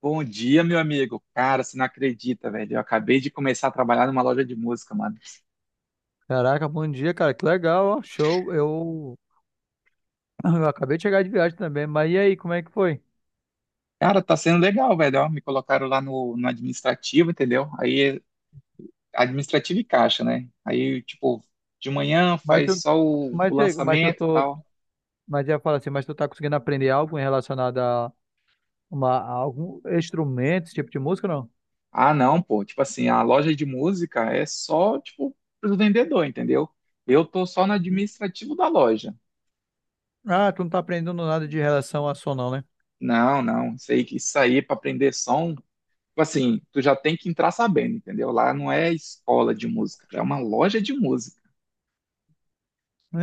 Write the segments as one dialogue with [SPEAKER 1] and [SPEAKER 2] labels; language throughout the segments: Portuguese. [SPEAKER 1] Bom dia, meu amigo. Cara, você não acredita, velho. Eu acabei de começar a trabalhar numa loja de música, mano.
[SPEAKER 2] Caraca, bom dia, cara. Que legal, ó. Show. Eu acabei de chegar de viagem também. Mas e aí, como é que foi?
[SPEAKER 1] Cara, tá sendo legal, velho. Ó, me colocaram lá no administrativo, entendeu? Aí, administrativo e caixa, né? Aí, tipo, de manhã
[SPEAKER 2] Mas
[SPEAKER 1] faz
[SPEAKER 2] tu,
[SPEAKER 1] só o
[SPEAKER 2] mas, tu- mas eu
[SPEAKER 1] lançamento e
[SPEAKER 2] tô,
[SPEAKER 1] tal.
[SPEAKER 2] mas eu ia falar assim, mas tu tá conseguindo aprender algo em relacionado a algum instrumento, esse tipo de música, não?
[SPEAKER 1] Ah, não, pô. Tipo assim, a loja de música é só, tipo, pro vendedor, entendeu? Eu tô só no administrativo da loja.
[SPEAKER 2] Ah, tu não tá aprendendo nada de relação a som, não, né?
[SPEAKER 1] Não, não. Isso aí é pra aprender som. Tipo assim, tu já tem que entrar sabendo, entendeu? Lá não é escola de música, é uma loja de música,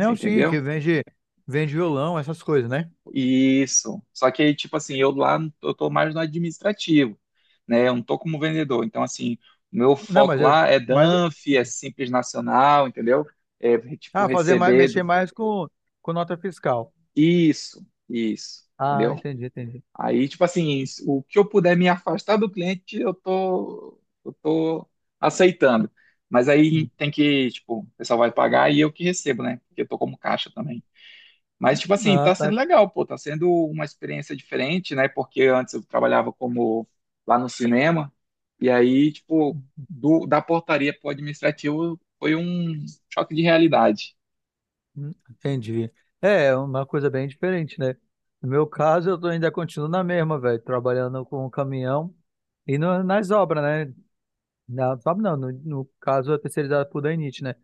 [SPEAKER 1] você
[SPEAKER 2] sim,
[SPEAKER 1] entendeu?
[SPEAKER 2] que vende violão, essas coisas, né?
[SPEAKER 1] Isso. Só que, tipo assim, eu lá eu tô mais no administrativo, né? Eu não tô como vendedor. Então, assim, o meu
[SPEAKER 2] Não,
[SPEAKER 1] foco lá é
[SPEAKER 2] mas,
[SPEAKER 1] DANF, é Simples Nacional, entendeu? É, tipo,
[SPEAKER 2] ah, fazer mais,
[SPEAKER 1] receber.
[SPEAKER 2] mexer mais com nota fiscal.
[SPEAKER 1] Isso, isso,
[SPEAKER 2] Ah,
[SPEAKER 1] entendeu?
[SPEAKER 2] entendi, entendi.
[SPEAKER 1] Aí, tipo assim, o que eu puder me afastar do cliente, eu tô aceitando. Mas aí
[SPEAKER 2] Hum.
[SPEAKER 1] tem que, tipo, o pessoal vai pagar e eu que recebo, né? Porque eu tô como caixa também. Mas, tipo assim,
[SPEAKER 2] Ah,
[SPEAKER 1] tá
[SPEAKER 2] tá.
[SPEAKER 1] sendo legal, pô, tá sendo uma experiência diferente, né? Porque antes eu trabalhava como lá no cinema, e aí, tipo, da portaria pro administrativo foi um choque de realidade.
[SPEAKER 2] Entendi. É, é uma coisa bem diferente, né? No meu caso, ainda continuo na mesma, velho, trabalhando com o caminhão e nas obras, né? Na, obras não, no, no caso, é terceirizado por Danite, né?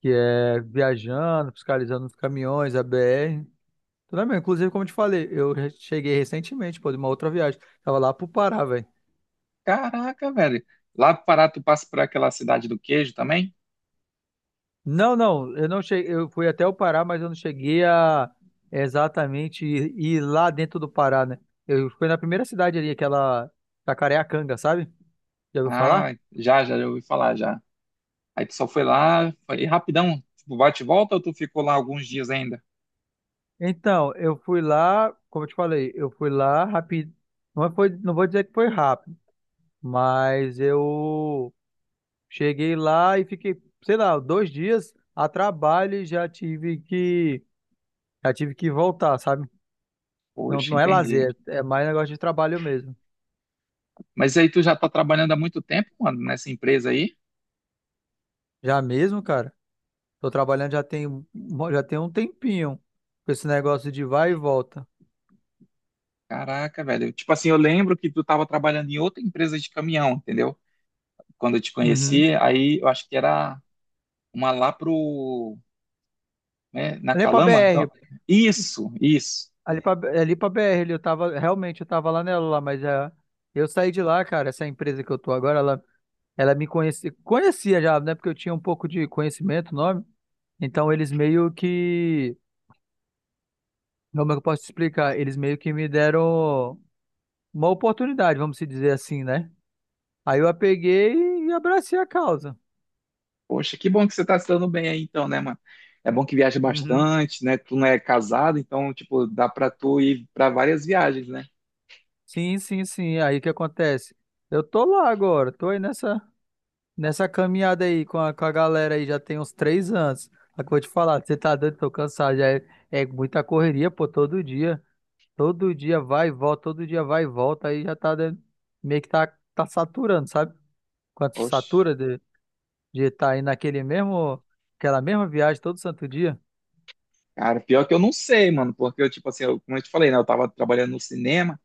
[SPEAKER 2] Que é viajando, fiscalizando os caminhões, a BR, tudo bem. Inclusive, como eu te falei, eu cheguei recentemente, pô, de uma outra viagem. Tava lá pro Pará, velho.
[SPEAKER 1] Caraca, velho. Lá no Pará, tu passa por aquela cidade do queijo também?
[SPEAKER 2] Não, não, eu não cheguei, eu fui até o Pará, mas eu não cheguei a exatamente ir lá dentro do Pará, né? Eu fui na primeira cidade ali, aquela Jacareacanga, sabe? Já ouviu falar?
[SPEAKER 1] Ah, já, ouvi falar já. Aí tu só foi lá, foi rapidão, tipo, bate e volta ou tu ficou lá alguns dias ainda?
[SPEAKER 2] Então, eu fui lá, como eu te falei, eu fui lá rápido. Não é foi, não vou dizer que foi rápido, mas eu cheguei lá e fiquei, sei lá, 2 dias a trabalho e já tive que voltar, sabe? Não,
[SPEAKER 1] Poxa,
[SPEAKER 2] não é
[SPEAKER 1] entendi.
[SPEAKER 2] lazer, é mais negócio de trabalho mesmo.
[SPEAKER 1] Mas aí tu já tá trabalhando há muito tempo, mano, nessa empresa aí?
[SPEAKER 2] Já mesmo, cara? Tô trabalhando já tem um tempinho com esse negócio de vai e volta.
[SPEAKER 1] Caraca, velho. Tipo assim, eu lembro que tu tava trabalhando em outra empresa de caminhão, entendeu? Quando eu te
[SPEAKER 2] Uhum.
[SPEAKER 1] conheci, aí eu acho que era uma lá pro, né, na
[SPEAKER 2] Ali pra
[SPEAKER 1] Calama.
[SPEAKER 2] BR,
[SPEAKER 1] Então, isso, isso.
[SPEAKER 2] ali pra, ali pra BR, ali eu tava, realmente eu tava lá nela lá, mas é, eu saí de lá, cara, essa empresa que eu tô agora, ela me conhecia, conhecia já, né, porque eu tinha um pouco de conhecimento, nome, então eles meio que, como é que eu posso te explicar? Eles meio que me deram uma oportunidade, vamos se dizer assim, né? Aí eu a peguei e abracei a causa.
[SPEAKER 1] Poxa, que bom que você tá se dando bem aí então, né, mano? É bom que viaja
[SPEAKER 2] Uhum.
[SPEAKER 1] bastante, né? Tu não é casado, então, tipo, dá pra tu ir pra várias viagens, né?
[SPEAKER 2] Sim, sim, sim. Aí o que acontece? Eu tô lá agora, tô aí nessa caminhada aí com a galera aí, já tem uns 3 anos. Só que eu vou te falar, você tá doido, tô cansado, já é muita correria, pô, todo dia. Todo dia vai e volta, todo dia vai e volta, aí já tá meio que tá saturando, sabe? Quando se
[SPEAKER 1] Poxa,
[SPEAKER 2] satura de estar tá aí naquele mesmo, aquela mesma viagem todo santo dia.
[SPEAKER 1] cara, pior que eu não sei, mano, porque eu, tipo assim, como eu te falei, né? Eu tava trabalhando no cinema,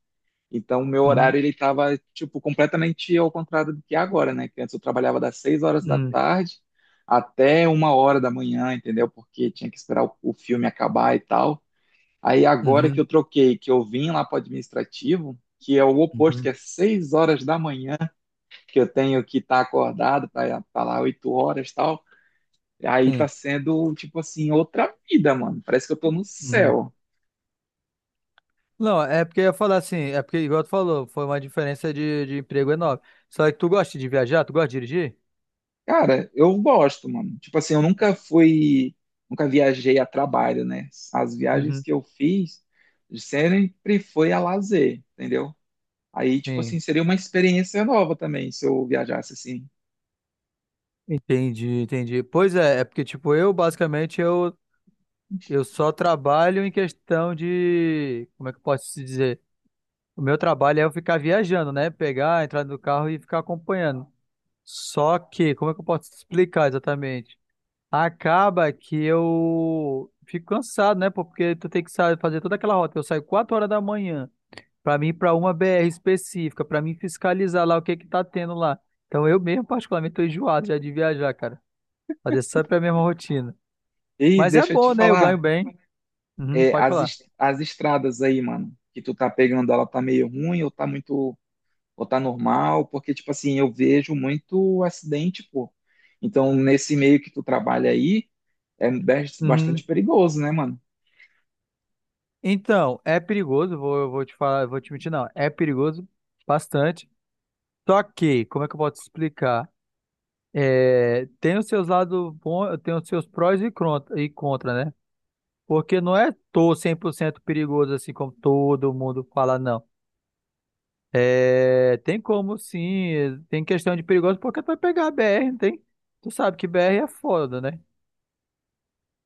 [SPEAKER 1] então o meu
[SPEAKER 2] Uhum,
[SPEAKER 1] horário, ele tava, tipo, completamente ao contrário do que é agora, né? Que antes eu trabalhava das seis horas da
[SPEAKER 2] uhum,
[SPEAKER 1] tarde até uma hora da manhã, entendeu? Porque tinha que esperar o filme acabar e tal. Aí agora que
[SPEAKER 2] uhum,
[SPEAKER 1] eu troquei, que eu vim lá para o administrativo, que é o oposto, que
[SPEAKER 2] uhum,
[SPEAKER 1] é 6 horas da manhã, que eu tenho que estar acordado para estar lá 8 horas e tal. Aí tá
[SPEAKER 2] sim.
[SPEAKER 1] sendo, tipo assim, outra vida, mano. Parece que eu tô no céu.
[SPEAKER 2] Não, é porque eu ia falar assim, é porque, igual tu falou, foi uma diferença de emprego enorme. Só que tu gosta de viajar? Tu gosta de dirigir?
[SPEAKER 1] Cara, eu gosto, mano. Tipo assim, eu nunca fui, nunca viajei a trabalho, né? As viagens
[SPEAKER 2] Uhum.
[SPEAKER 1] que eu fiz sempre foi a lazer, entendeu? Aí, tipo assim,
[SPEAKER 2] Sim,
[SPEAKER 1] seria uma experiência nova também se eu viajasse assim.
[SPEAKER 2] entendi, entendi. Pois é, é porque, tipo, eu só trabalho em questão de. Como é que eu posso te dizer? O meu trabalho é eu ficar viajando, né? Pegar, entrar no carro e ficar acompanhando. Só que, como é que eu posso te explicar exatamente? Acaba que eu fico cansado, né? Pô? Porque tu tem que fazer toda aquela rota. Eu saio 4 horas da manhã. Para mim, para uma BR específica, para mim fiscalizar lá o que que tá tendo lá. Então eu mesmo, particularmente, tô enjoado já de viajar, cara. Fazer sempre é a mesma rotina.
[SPEAKER 1] E
[SPEAKER 2] Mas é
[SPEAKER 1] deixa eu te
[SPEAKER 2] bom, né? Eu ganho
[SPEAKER 1] falar,
[SPEAKER 2] bem. Uhum,
[SPEAKER 1] é,
[SPEAKER 2] pode falar.
[SPEAKER 1] as estradas aí, mano, que tu tá pegando, ela tá meio ruim ou tá muito, ou tá normal? Porque, tipo assim, eu vejo muito acidente, pô. Então, nesse meio que tu trabalha aí, é
[SPEAKER 2] Uhum.
[SPEAKER 1] bastante perigoso, né, mano?
[SPEAKER 2] Então, é perigoso, vou te falar, vou te mentir, não. É perigoso bastante. Só que, como é que eu posso explicar? É, tem os seus lados bons, tem os seus prós e contra, né? Porque não é tô 100% perigoso assim como todo mundo fala, não. É, tem como sim, tem questão de perigoso, porque tu vai pegar a BR, não tem? Tu sabe que BR é foda, né?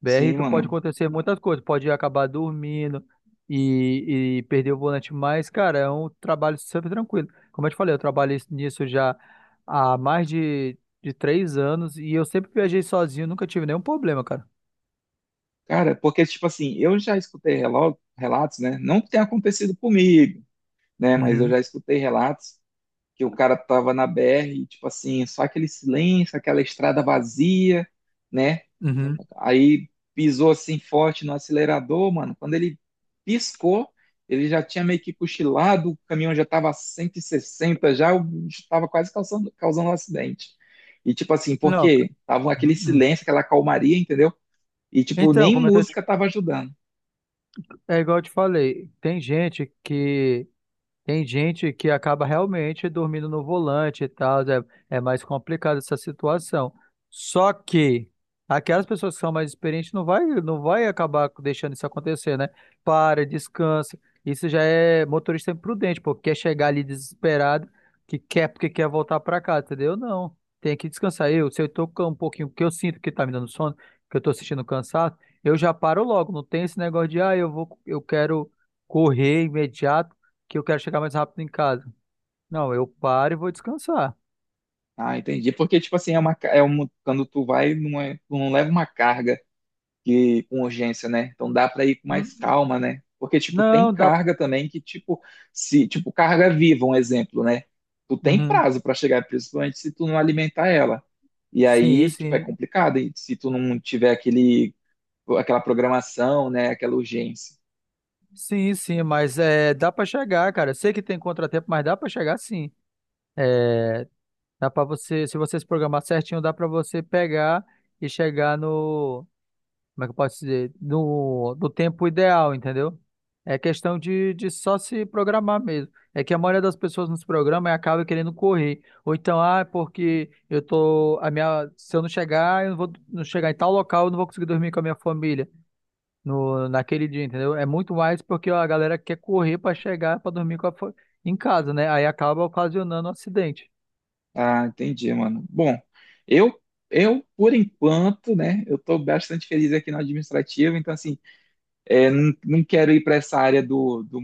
[SPEAKER 2] BR
[SPEAKER 1] Sim,
[SPEAKER 2] tu pode
[SPEAKER 1] mano.
[SPEAKER 2] acontecer muitas coisas, pode acabar dormindo e perder o volante, mas, cara, é um trabalho super tranquilo. Como eu te falei, eu trabalhei nisso já há mais de 3 anos e eu sempre viajei sozinho, nunca tive nenhum problema, cara.
[SPEAKER 1] Cara, porque, tipo assim, eu já escutei relatos, né? Não que tenha acontecido comigo, né? Mas eu
[SPEAKER 2] Uhum,
[SPEAKER 1] já escutei relatos que o cara tava na BR, e, tipo assim, só aquele silêncio, aquela estrada vazia, né?
[SPEAKER 2] uhum.
[SPEAKER 1] Aí pisou assim forte no acelerador, mano. Quando ele piscou, ele já tinha meio que cochilado, o caminhão já estava a 160, já estava quase causando um acidente. E tipo assim,
[SPEAKER 2] Não,
[SPEAKER 1] porque tava aquele
[SPEAKER 2] uhum.
[SPEAKER 1] silêncio, aquela calmaria, entendeu? E tipo,
[SPEAKER 2] Então,
[SPEAKER 1] nem
[SPEAKER 2] como eu tô te-
[SPEAKER 1] música tava ajudando.
[SPEAKER 2] é igual eu te falei, tem gente que acaba realmente dormindo no volante e tal, é mais complicado essa situação. Só que aquelas pessoas que são mais experientes não vai acabar deixando isso acontecer, né? Para, descansa. Isso já é motorista imprudente, porque quer chegar ali desesperado, que quer porque quer voltar para casa, entendeu? Não. Tem que descansar. Se eu tô com um pouquinho, porque eu sinto que tá me dando sono, que eu tô sentindo cansado, eu já paro logo. Não tem esse negócio de, ah, eu quero correr imediato que eu quero chegar mais rápido em casa. Não, eu paro e vou descansar.
[SPEAKER 1] Ah, entendi. Porque tipo assim, é uma, é um, quando tu vai, não, é, tu não leva uma carga que com urgência, né? Então dá para ir com mais
[SPEAKER 2] Hum,
[SPEAKER 1] calma, né? Porque tipo tem
[SPEAKER 2] Não, dá.
[SPEAKER 1] carga também que tipo se tipo carga viva, um exemplo, né? Tu tem
[SPEAKER 2] Uhum.
[SPEAKER 1] prazo para chegar, principalmente se tu não alimentar ela. E
[SPEAKER 2] Sim,
[SPEAKER 1] aí, tipo, é
[SPEAKER 2] sim.
[SPEAKER 1] complicado, e se tu não tiver aquele aquela programação, né, aquela urgência.
[SPEAKER 2] Sim, sim, mas é, dá pra chegar, cara. Sei que tem contratempo, mas dá pra chegar sim. É, dá pra você se programar certinho, dá pra você pegar e chegar no, como é que eu posso dizer? No, do tempo ideal, entendeu? É questão de só se programar mesmo. É que a maioria das pessoas nos programam e acaba querendo correr. Ou então, ah, é porque eu tô, a minha, se eu não chegar, eu não vou não chegar em tal local, eu não vou conseguir dormir com a minha família no, naquele dia, entendeu? É muito mais porque a galera quer correr para chegar, para dormir em casa, né? Aí acaba ocasionando um acidente.
[SPEAKER 1] Ah, entendi, mano. Bom, eu eu por enquanto, né, eu tô bastante feliz aqui na administrativa, então assim, é, não, não quero ir para essa área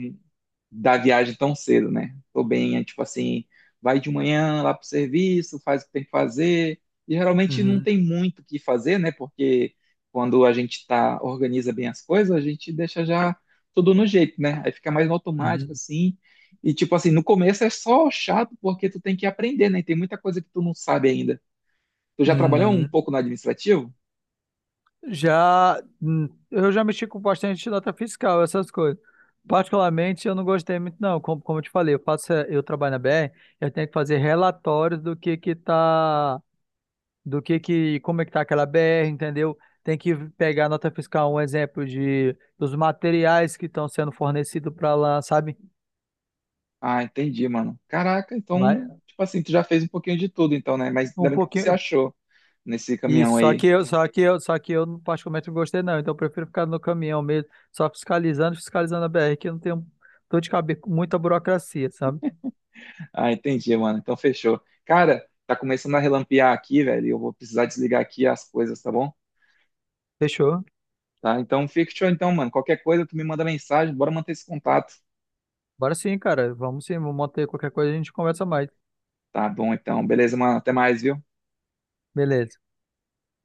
[SPEAKER 1] da viagem tão cedo, né? Tô bem, é tipo assim, vai de manhã lá pro serviço, faz o que tem que fazer. E geralmente não
[SPEAKER 2] Uhum,
[SPEAKER 1] tem muito o que fazer, né? Porque quando a gente tá, organiza bem as coisas, a gente deixa já tudo no jeito, né? Aí fica mais no automático,
[SPEAKER 2] uhum,
[SPEAKER 1] assim. E tipo assim, no começo é só chato porque tu tem que aprender, né? Tem muita coisa que tu não sabe ainda. Tu já trabalhou um
[SPEAKER 2] uhum.
[SPEAKER 1] pouco no administrativo?
[SPEAKER 2] Já, eu já mexi com bastante nota fiscal, essas coisas. Particularmente, eu não gostei muito, não. Como eu te falei, eu trabalho na BR, eu tenho que fazer relatórios do que tá, como é que tá aquela BR, entendeu? Tem que pegar nota fiscal, um exemplo de dos materiais que estão sendo fornecidos para lá, sabe?
[SPEAKER 1] Ah, entendi, mano. Caraca, então,
[SPEAKER 2] Mas
[SPEAKER 1] tipo assim, tu já fez um pouquinho de tudo, então, né? Mas
[SPEAKER 2] um
[SPEAKER 1] ainda bem que você
[SPEAKER 2] pouquinho,
[SPEAKER 1] achou nesse caminhão
[SPEAKER 2] isso, só que
[SPEAKER 1] aí.
[SPEAKER 2] eu, só que eu, só que eu particularmente não gostei não, então eu prefiro ficar no caminhão mesmo, só fiscalizando a BR, que eu não tenho dor de cabeça, com muita burocracia, sabe?
[SPEAKER 1] Ah, entendi, mano. Então, fechou. Cara, tá começando a relampear aqui, velho. Eu vou precisar desligar aqui as coisas, tá bom?
[SPEAKER 2] Fechou?
[SPEAKER 1] Tá, então fica show, então, mano. Qualquer coisa, tu me manda mensagem. Bora manter esse contato.
[SPEAKER 2] Bora sim, cara, vamos sim, vamos manter qualquer coisa, a gente conversa mais.
[SPEAKER 1] Tá bom, então. Beleza, mano. Até mais, viu?
[SPEAKER 2] Beleza.